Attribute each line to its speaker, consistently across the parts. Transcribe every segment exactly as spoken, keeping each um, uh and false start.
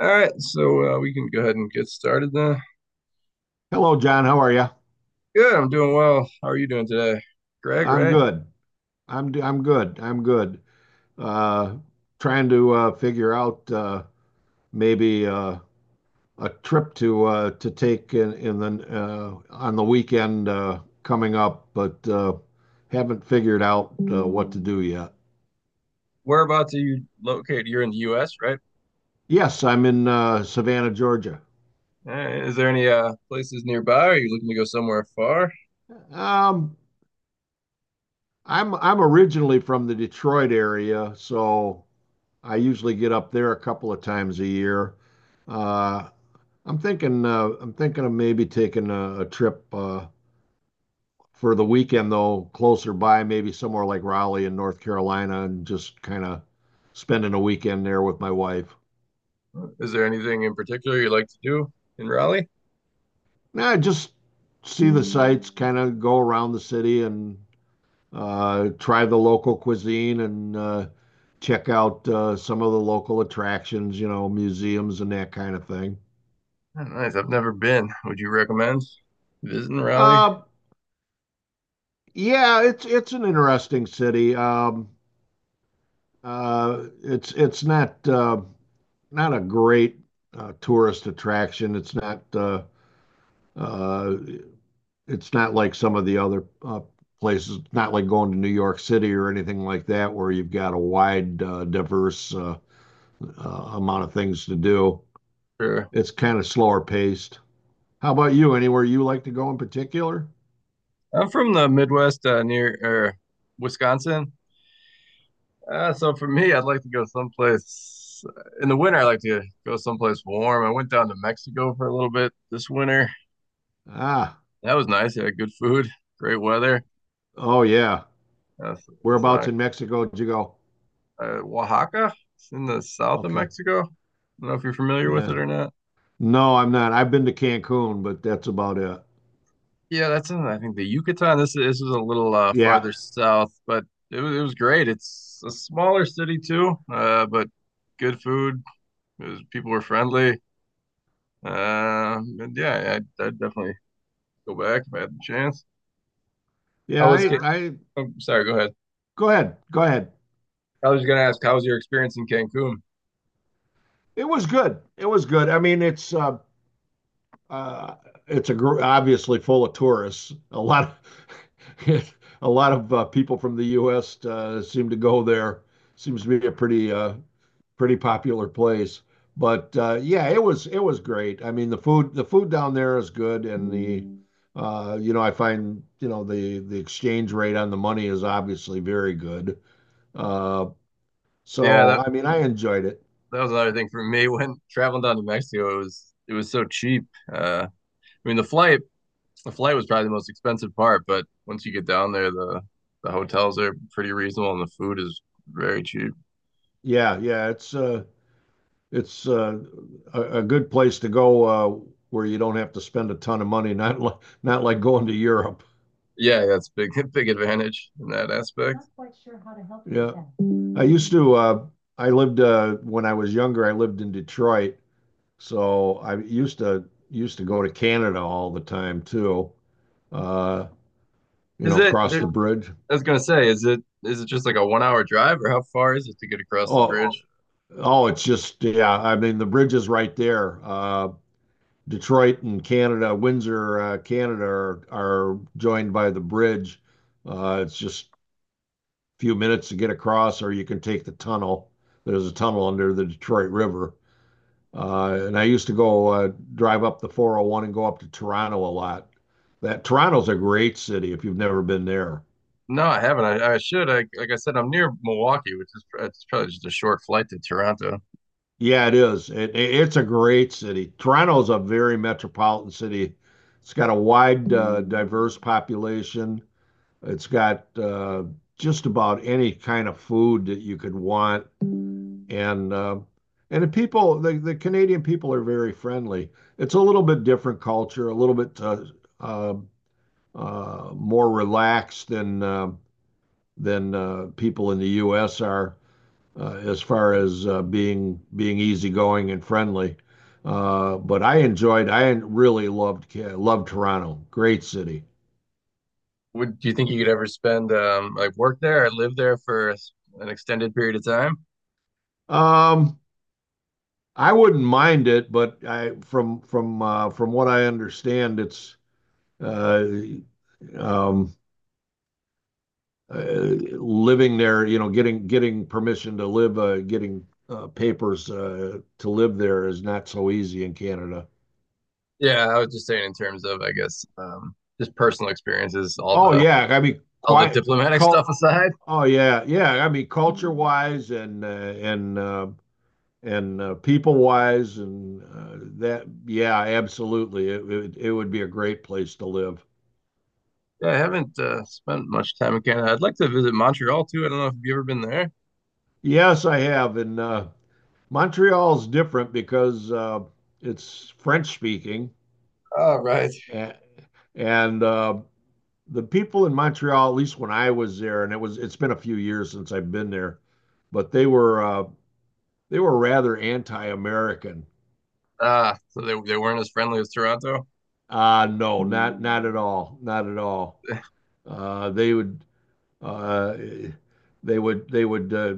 Speaker 1: All right, so uh, we can go ahead and get started then.
Speaker 2: Hello, John. How are you?
Speaker 1: Good, I'm doing well. How are you doing today, Greg?
Speaker 2: I'm
Speaker 1: Right?
Speaker 2: good. I'm d- I'm good. I'm good. Uh, trying to uh, figure out uh, maybe uh, a trip to uh, to take in in the uh, on the weekend uh, coming up, but uh, haven't figured out uh, what to do yet.
Speaker 1: Whereabouts are you located? You're in the U S, right?
Speaker 2: Yes, I'm in uh, Savannah, Georgia.
Speaker 1: All right, Eh, is there any uh, places nearby? Are you looking to go somewhere far?
Speaker 2: Um, I'm I'm originally from the Detroit area, so I usually get up there a couple of times a year. Uh, I'm thinking uh, I'm thinking of maybe taking a, a trip uh, for the weekend though, closer by, maybe somewhere like Raleigh in North Carolina, and just kind of spending a weekend there with my wife.
Speaker 1: Is there anything in particular you like to do in Raleigh?
Speaker 2: Nah, just see the sights, kind of go around the city and uh, try the local cuisine and uh, check out uh, some of the local attractions, you know, museums and that kind of thing.
Speaker 1: Oh, nice. I've never been. Would you recommend visiting Raleigh?
Speaker 2: Uh, yeah, it's it's an interesting city. Um, Uh, It's it's not uh, not a great uh, tourist attraction. It's not uh, uh, it's not like some of the other uh, places, not like going to New York City or anything like that, where you've got a wide, uh, diverse uh, uh, amount of things to do.
Speaker 1: Sure.
Speaker 2: It's kind of slower paced. How about you? Anywhere you like to go in particular?
Speaker 1: I'm from the Midwest, uh, near er, Wisconsin. Uh, so for me, I'd like to go someplace in the winter. I like to go someplace warm. I went down to Mexico for a little bit this winter.
Speaker 2: Ah,
Speaker 1: That was nice. Yeah, good food, great weather.
Speaker 2: oh yeah.
Speaker 1: Uh, so, so
Speaker 2: Whereabouts
Speaker 1: I,
Speaker 2: in Mexico did you go?
Speaker 1: uh, Oaxaca, it's in the south of
Speaker 2: Okay.
Speaker 1: Mexico. I don't know if you're familiar with
Speaker 2: Yeah.
Speaker 1: it or not.
Speaker 2: No, I'm not. I've been to Cancun, but that's about it.
Speaker 1: Yeah, that's in I think the Yucatan. This is, this is a little uh,
Speaker 2: Yeah.
Speaker 1: farther south, but it was it was great. It's a smaller city too, uh, but good food. It was, people were friendly. Um, and yeah, I, I definitely go back if I had the chance. I
Speaker 2: Yeah,
Speaker 1: was,
Speaker 2: I,
Speaker 1: Ca-
Speaker 2: I
Speaker 1: oh, sorry, go ahead.
Speaker 2: Go ahead, go ahead.
Speaker 1: I was going to ask, how was your experience in Cancun?
Speaker 2: It was good. It was good. I mean, it's uh, uh, it's a gr- obviously full of tourists. A lot, of, a lot of uh, people from the U S. Uh, seem to go there. Seems to be a pretty uh, pretty popular place. But uh, yeah, it was it was great. I mean, the food the food down there is good, and the uh, you know I find you know the the exchange rate on the money is obviously very good. Uh,
Speaker 1: Yeah,
Speaker 2: so
Speaker 1: that
Speaker 2: I mean, I enjoyed it.
Speaker 1: that was another thing for me when traveling down to Mexico. It was it was so cheap. Uh, I mean, the flight the flight was probably the most expensive part, but once you get down there, the the hotels are pretty reasonable and the food is very cheap.
Speaker 2: Yeah, yeah, it's uh it's uh a, a good place to go uh where you don't have to spend a ton of money, not like not like going to Europe.
Speaker 1: Yeah, that's big big advantage in that aspect.
Speaker 2: Yeah. with that. I that. Used to uh I lived uh when I was younger, I lived in Detroit, so I used to used to go to Canada all the time too. Uh, you
Speaker 1: Is
Speaker 2: know,
Speaker 1: it?
Speaker 2: cross
Speaker 1: There,
Speaker 2: the bridge.
Speaker 1: I was gonna say, is it is it just like a one hour drive, or how far is it to get across the
Speaker 2: Oh,
Speaker 1: bridge?
Speaker 2: oh, it's just yeah, I mean the bridge is right there. Uh Detroit and Canada, Windsor, uh, Canada are, are joined by the bridge. Uh, it's just a few minutes to get across, or you can take the tunnel. There's a tunnel under the Detroit River. Uh, and I used to go uh, drive up the four oh one and go up to Toronto a lot. That Toronto's a great city if you've never been there.
Speaker 1: No, I haven't. I, I should. I, like I said, I'm near Milwaukee, which is it's probably just a short flight to Toronto.
Speaker 2: Yeah, it is. It, it's a great city. Toronto's a very metropolitan city. It's got a wide, uh, diverse population. It's got uh, just about any kind of food that you could want, and uh, and the people, the, the Canadian people are very friendly. It's a little bit different culture, a little bit uh, uh, uh, more relaxed than uh, than uh, people in the U S are uh, as far as uh, being being easygoing and friendly. Uh, but I enjoyed, I really loved loved Toronto. Great city.
Speaker 1: Would do you think you could ever spend um like work there or live there for an extended period of time?
Speaker 2: Um, I wouldn't mind it, but I from from uh, from what I understand, it's uh, um, uh, living there. You know, getting getting permission to live, uh, getting uh, papers uh, to live there is not so easy in Canada.
Speaker 1: Yeah, I was just saying in terms of I guess um just personal experiences, all
Speaker 2: Oh
Speaker 1: the
Speaker 2: yeah, I mean,
Speaker 1: all the
Speaker 2: quite
Speaker 1: diplomatic stuff
Speaker 2: cult.
Speaker 1: aside.
Speaker 2: Oh yeah, yeah. I mean, culture wise and uh, and uh, and uh, people wise and uh, that. Yeah, absolutely. It, it it would be a great place to live.
Speaker 1: Yeah, I haven't uh, spent much time in Canada. I'd like to visit Montreal too. I don't know if you've ever been there.
Speaker 2: Yes, I have, and uh, Montreal's different because uh, it's French speaking,
Speaker 1: Oh, right.
Speaker 2: and, and uh, the people in Montreal, at least when I was there, and it was it's been a few years since I've been there, but they were uh, they were rather anti-American.
Speaker 1: Ah, so they they weren't as friendly as Toronto.
Speaker 2: Uh, no, not not at all, not at all. Uh, they would Uh, they would they would uh,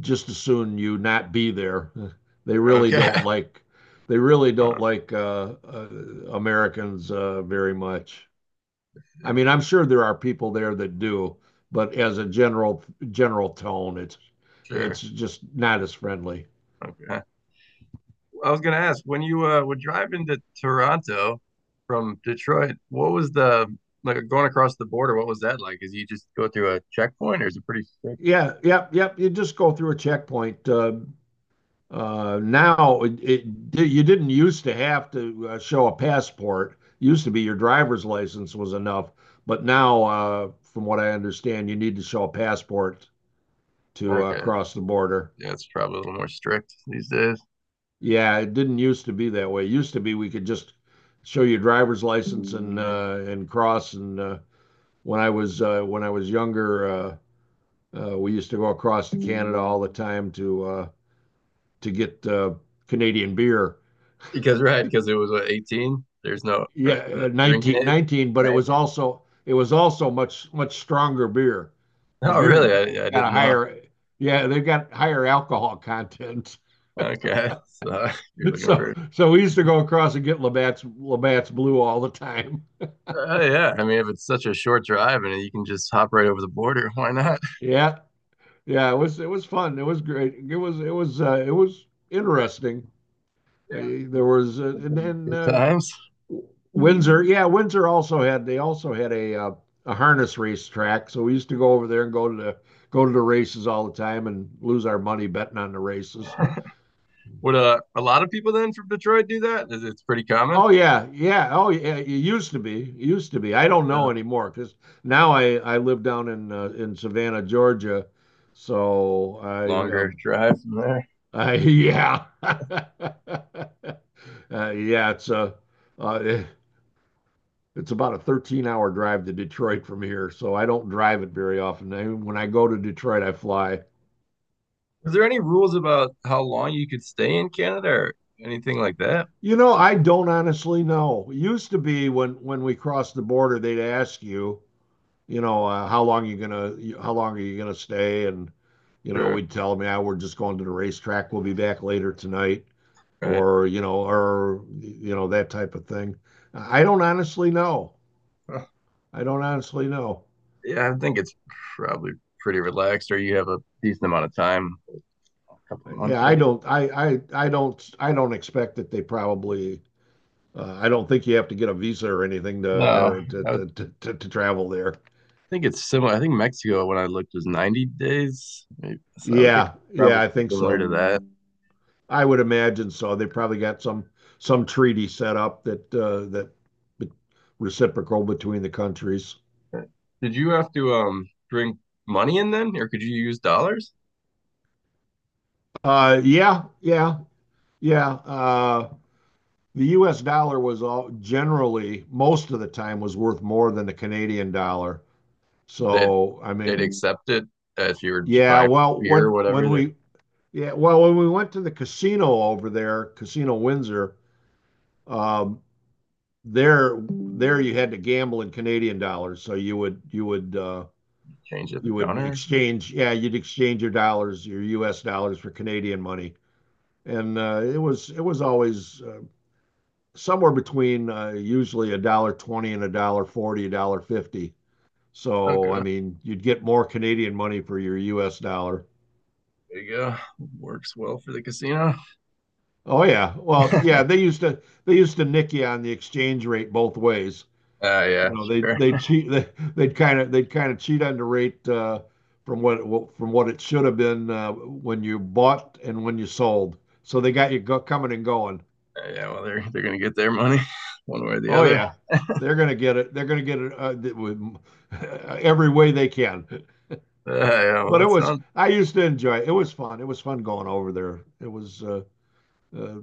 Speaker 2: just as soon you not be there. They really don't
Speaker 1: Okay.
Speaker 2: like they really don't
Speaker 1: Huh,
Speaker 2: like uh, uh, Americans uh, very much. I mean, I'm sure there are people there that do, but as a general general tone, it's it's
Speaker 1: sure.
Speaker 2: just not as friendly.
Speaker 1: Okay. I was gonna ask when you uh, were driving to Toronto from Detroit, what was the like going across the border? What was that like? Is you just go through a checkpoint, or is it pretty
Speaker 2: Yeah,
Speaker 1: straightforward?
Speaker 2: yep, yep. You just go through a checkpoint. Uh, Uh, now, it, it, you didn't used to have to uh, show a passport. It used to be your driver's license was enough, but now, uh, from what I understand, you need to show a passport to uh,
Speaker 1: Okay,
Speaker 2: cross the border.
Speaker 1: yeah, it's probably a little more strict these days
Speaker 2: Yeah, it didn't used to be that way. It used to be we could just show your driver's license and uh, and cross. And uh, when I was uh, when I was younger, uh, uh, we used to go across to Canada all the time to uh, to get uh, Canadian beer.
Speaker 1: because right because it was what, eighteen. There's no right,
Speaker 2: Yeah,
Speaker 1: the
Speaker 2: uh,
Speaker 1: drinking
Speaker 2: nineteen,
Speaker 1: age.
Speaker 2: nineteen, but it was
Speaker 1: nineteen.
Speaker 2: also it was also much much stronger beer. The
Speaker 1: Oh,
Speaker 2: beer in
Speaker 1: really? I,
Speaker 2: Canada's
Speaker 1: I
Speaker 2: got a
Speaker 1: didn't know.
Speaker 2: higher Yeah, they've got higher alcohol content.
Speaker 1: Okay, so you're looking
Speaker 2: So
Speaker 1: for
Speaker 2: so we used to go across and get Labatt's Labatt's Blue all the time.
Speaker 1: uh, yeah. I mean, if it's such a short drive and you can just hop right over the border, why not?
Speaker 2: Yeah. Yeah, it was it was fun. It was great. It was it was uh, it was interesting.
Speaker 1: Yeah,
Speaker 2: Uh, there was uh, and then
Speaker 1: good
Speaker 2: uh,
Speaker 1: times.
Speaker 2: Windsor, yeah, Windsor also had they also had a uh, a harness race track, so we used to go over there and go to the go to the races all the time and lose our money betting on the races.
Speaker 1: Would uh, a lot of people then from Detroit do that? Is it's pretty common?
Speaker 2: Oh yeah, yeah. Oh yeah, it used to be, it used to be. I don't
Speaker 1: A
Speaker 2: know anymore because now I I live down in uh, in Savannah, Georgia, so I uh,
Speaker 1: longer drive from there.
Speaker 2: I yeah uh, yeah it's a uh, it's about a thirteen hour drive to Detroit from here, so I don't drive it very often. I, when I go to Detroit, I fly.
Speaker 1: Is there any rules about how long you could stay in Canada or anything like that?
Speaker 2: You know, I don't honestly know. It used to be when when we crossed the border, they'd ask you, you know, uh, how long you gonna, how long are you gonna stay, and you know,
Speaker 1: Sure.
Speaker 2: we'd tell them, yeah, we're just going to the racetrack. We'll be back later tonight,
Speaker 1: Right.
Speaker 2: or you know, or you know that type of thing. I don't honestly know.
Speaker 1: Huh.
Speaker 2: I don't honestly know.
Speaker 1: Yeah, I think it's probably pretty relaxed, or you have a decent amount of time, a couple of months,
Speaker 2: Yeah,
Speaker 1: I
Speaker 2: I
Speaker 1: think.
Speaker 2: don't, I, I, I don't, I don't expect that they probably, uh, I don't think you have to get a visa or anything to,
Speaker 1: No,
Speaker 2: or to,
Speaker 1: I would
Speaker 2: to, to, to, to travel there.
Speaker 1: think it's similar. I think Mexico, when I looked, was ninety days. Maybe. So I would think
Speaker 2: Yeah, yeah,
Speaker 1: probably
Speaker 2: I think
Speaker 1: similar
Speaker 2: so.
Speaker 1: to that.
Speaker 2: I would imagine so. They probably got some, some treaty set up that, uh, that be- reciprocal between the countries.
Speaker 1: Did you have to um bring money in then, or could you use dollars?
Speaker 2: Uh, yeah, yeah, yeah. Uh, the U S dollar was all generally, most of the time was worth more than the Canadian dollar.
Speaker 1: That
Speaker 2: So, I
Speaker 1: they'd
Speaker 2: mean,
Speaker 1: accept it if you were
Speaker 2: Yeah,
Speaker 1: buying
Speaker 2: well,
Speaker 1: beer or
Speaker 2: when
Speaker 1: whatever.
Speaker 2: when
Speaker 1: They would
Speaker 2: we yeah, well, when we went to the casino over there, Casino Windsor, um, there there you had to gamble in Canadian dollars, so you would you would uh,
Speaker 1: change at the
Speaker 2: you would
Speaker 1: counter or something.
Speaker 2: exchange yeah, you'd exchange your dollars, your U S dollars for Canadian money, and uh, it was it was always uh, somewhere between uh, usually a dollar twenty and a dollar forty, a dollar fifty. So I
Speaker 1: Okay,
Speaker 2: mean, you'd get more Canadian money for your U S dollar.
Speaker 1: there you go. Works well for the casino.
Speaker 2: Oh yeah. Well,
Speaker 1: uh,
Speaker 2: yeah, they used to they used to nick you on the exchange rate both ways.
Speaker 1: yeah,
Speaker 2: You know, they
Speaker 1: sure.
Speaker 2: they cheat they they'd kind of they'd kind of cheat on the rate uh, from what it, from what it should have been uh, when you bought and when you sold. So they got you go, coming and going.
Speaker 1: Uh, yeah, well, they're they're gonna get their money one way or the
Speaker 2: Oh
Speaker 1: other.
Speaker 2: yeah. They're going to get it. They're going to get it uh, th- with every way they can.
Speaker 1: Uh, yeah, well,
Speaker 2: But it
Speaker 1: that
Speaker 2: was
Speaker 1: sounds
Speaker 2: I used to enjoy it. It was fun. It was fun going over there. It was uh, Uh,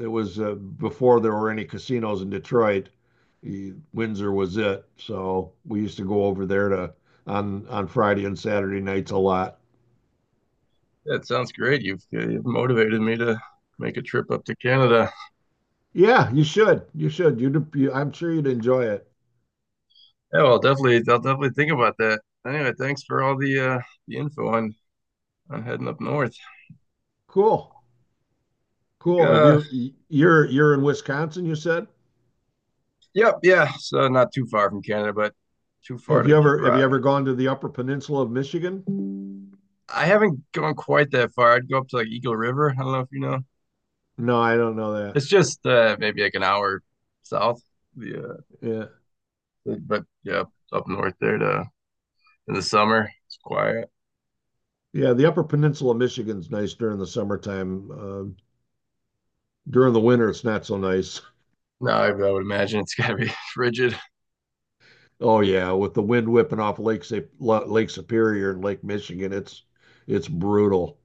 Speaker 2: it was uh, before there were any casinos in Detroit. Windsor was it, so we used to go over there to on on Friday and Saturday nights a lot.
Speaker 1: that sounds great. You've, you've motivated me to make a trip up to Canada.
Speaker 2: Yeah, you should. You should. You'd, you, I'm sure you'd enjoy it.
Speaker 1: Yeah, well, definitely, I'll definitely think about that. Anyway, thanks for all the uh, the info on on heading up north.
Speaker 2: Cool.
Speaker 1: I think,
Speaker 2: Cool. Have
Speaker 1: uh,
Speaker 2: you you're you're in Wisconsin, you said?
Speaker 1: yep, yeah, so not too far from Canada, but too far
Speaker 2: Have
Speaker 1: to
Speaker 2: you ever have you ever
Speaker 1: drive.
Speaker 2: gone to the Upper Peninsula of Michigan?
Speaker 1: I haven't gone quite that far. I'd go up to like Eagle River. I don't know if you know.
Speaker 2: No, I don't know that.
Speaker 1: It's just uh, maybe like an hour south. Yeah,
Speaker 2: Yeah.
Speaker 1: but yeah, up north there to in the summer. It's quiet.
Speaker 2: Yeah, the Upper Peninsula of Michigan's nice during the summertime. Uh, during the winter, it's not so nice.
Speaker 1: No, I, I would imagine it's gotta be frigid.
Speaker 2: Oh yeah, with the wind whipping off Lake Sa- Lo- Lake Superior and Lake Michigan, it's it's brutal.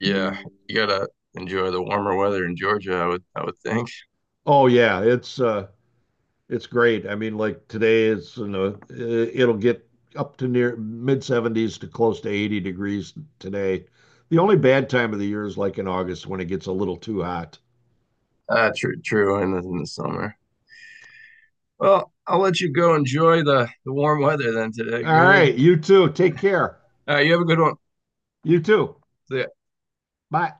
Speaker 1: Yeah, you gotta enjoy the warmer weather in Georgia. I would I would think.
Speaker 2: Oh yeah, it's uh it's great. I mean, like today it's you know i- it'll get up to near mid seventies to close to eighty degrees today. The only bad time of the year is like in August when it gets a little too hot.
Speaker 1: Uh, true, true. In the, in the summer. Well, I'll let you go enjoy the the warm weather then today,
Speaker 2: All
Speaker 1: Greg.
Speaker 2: right, you too. Take care.
Speaker 1: Uh, you have a good one.
Speaker 2: You too.
Speaker 1: See ya.
Speaker 2: Bye.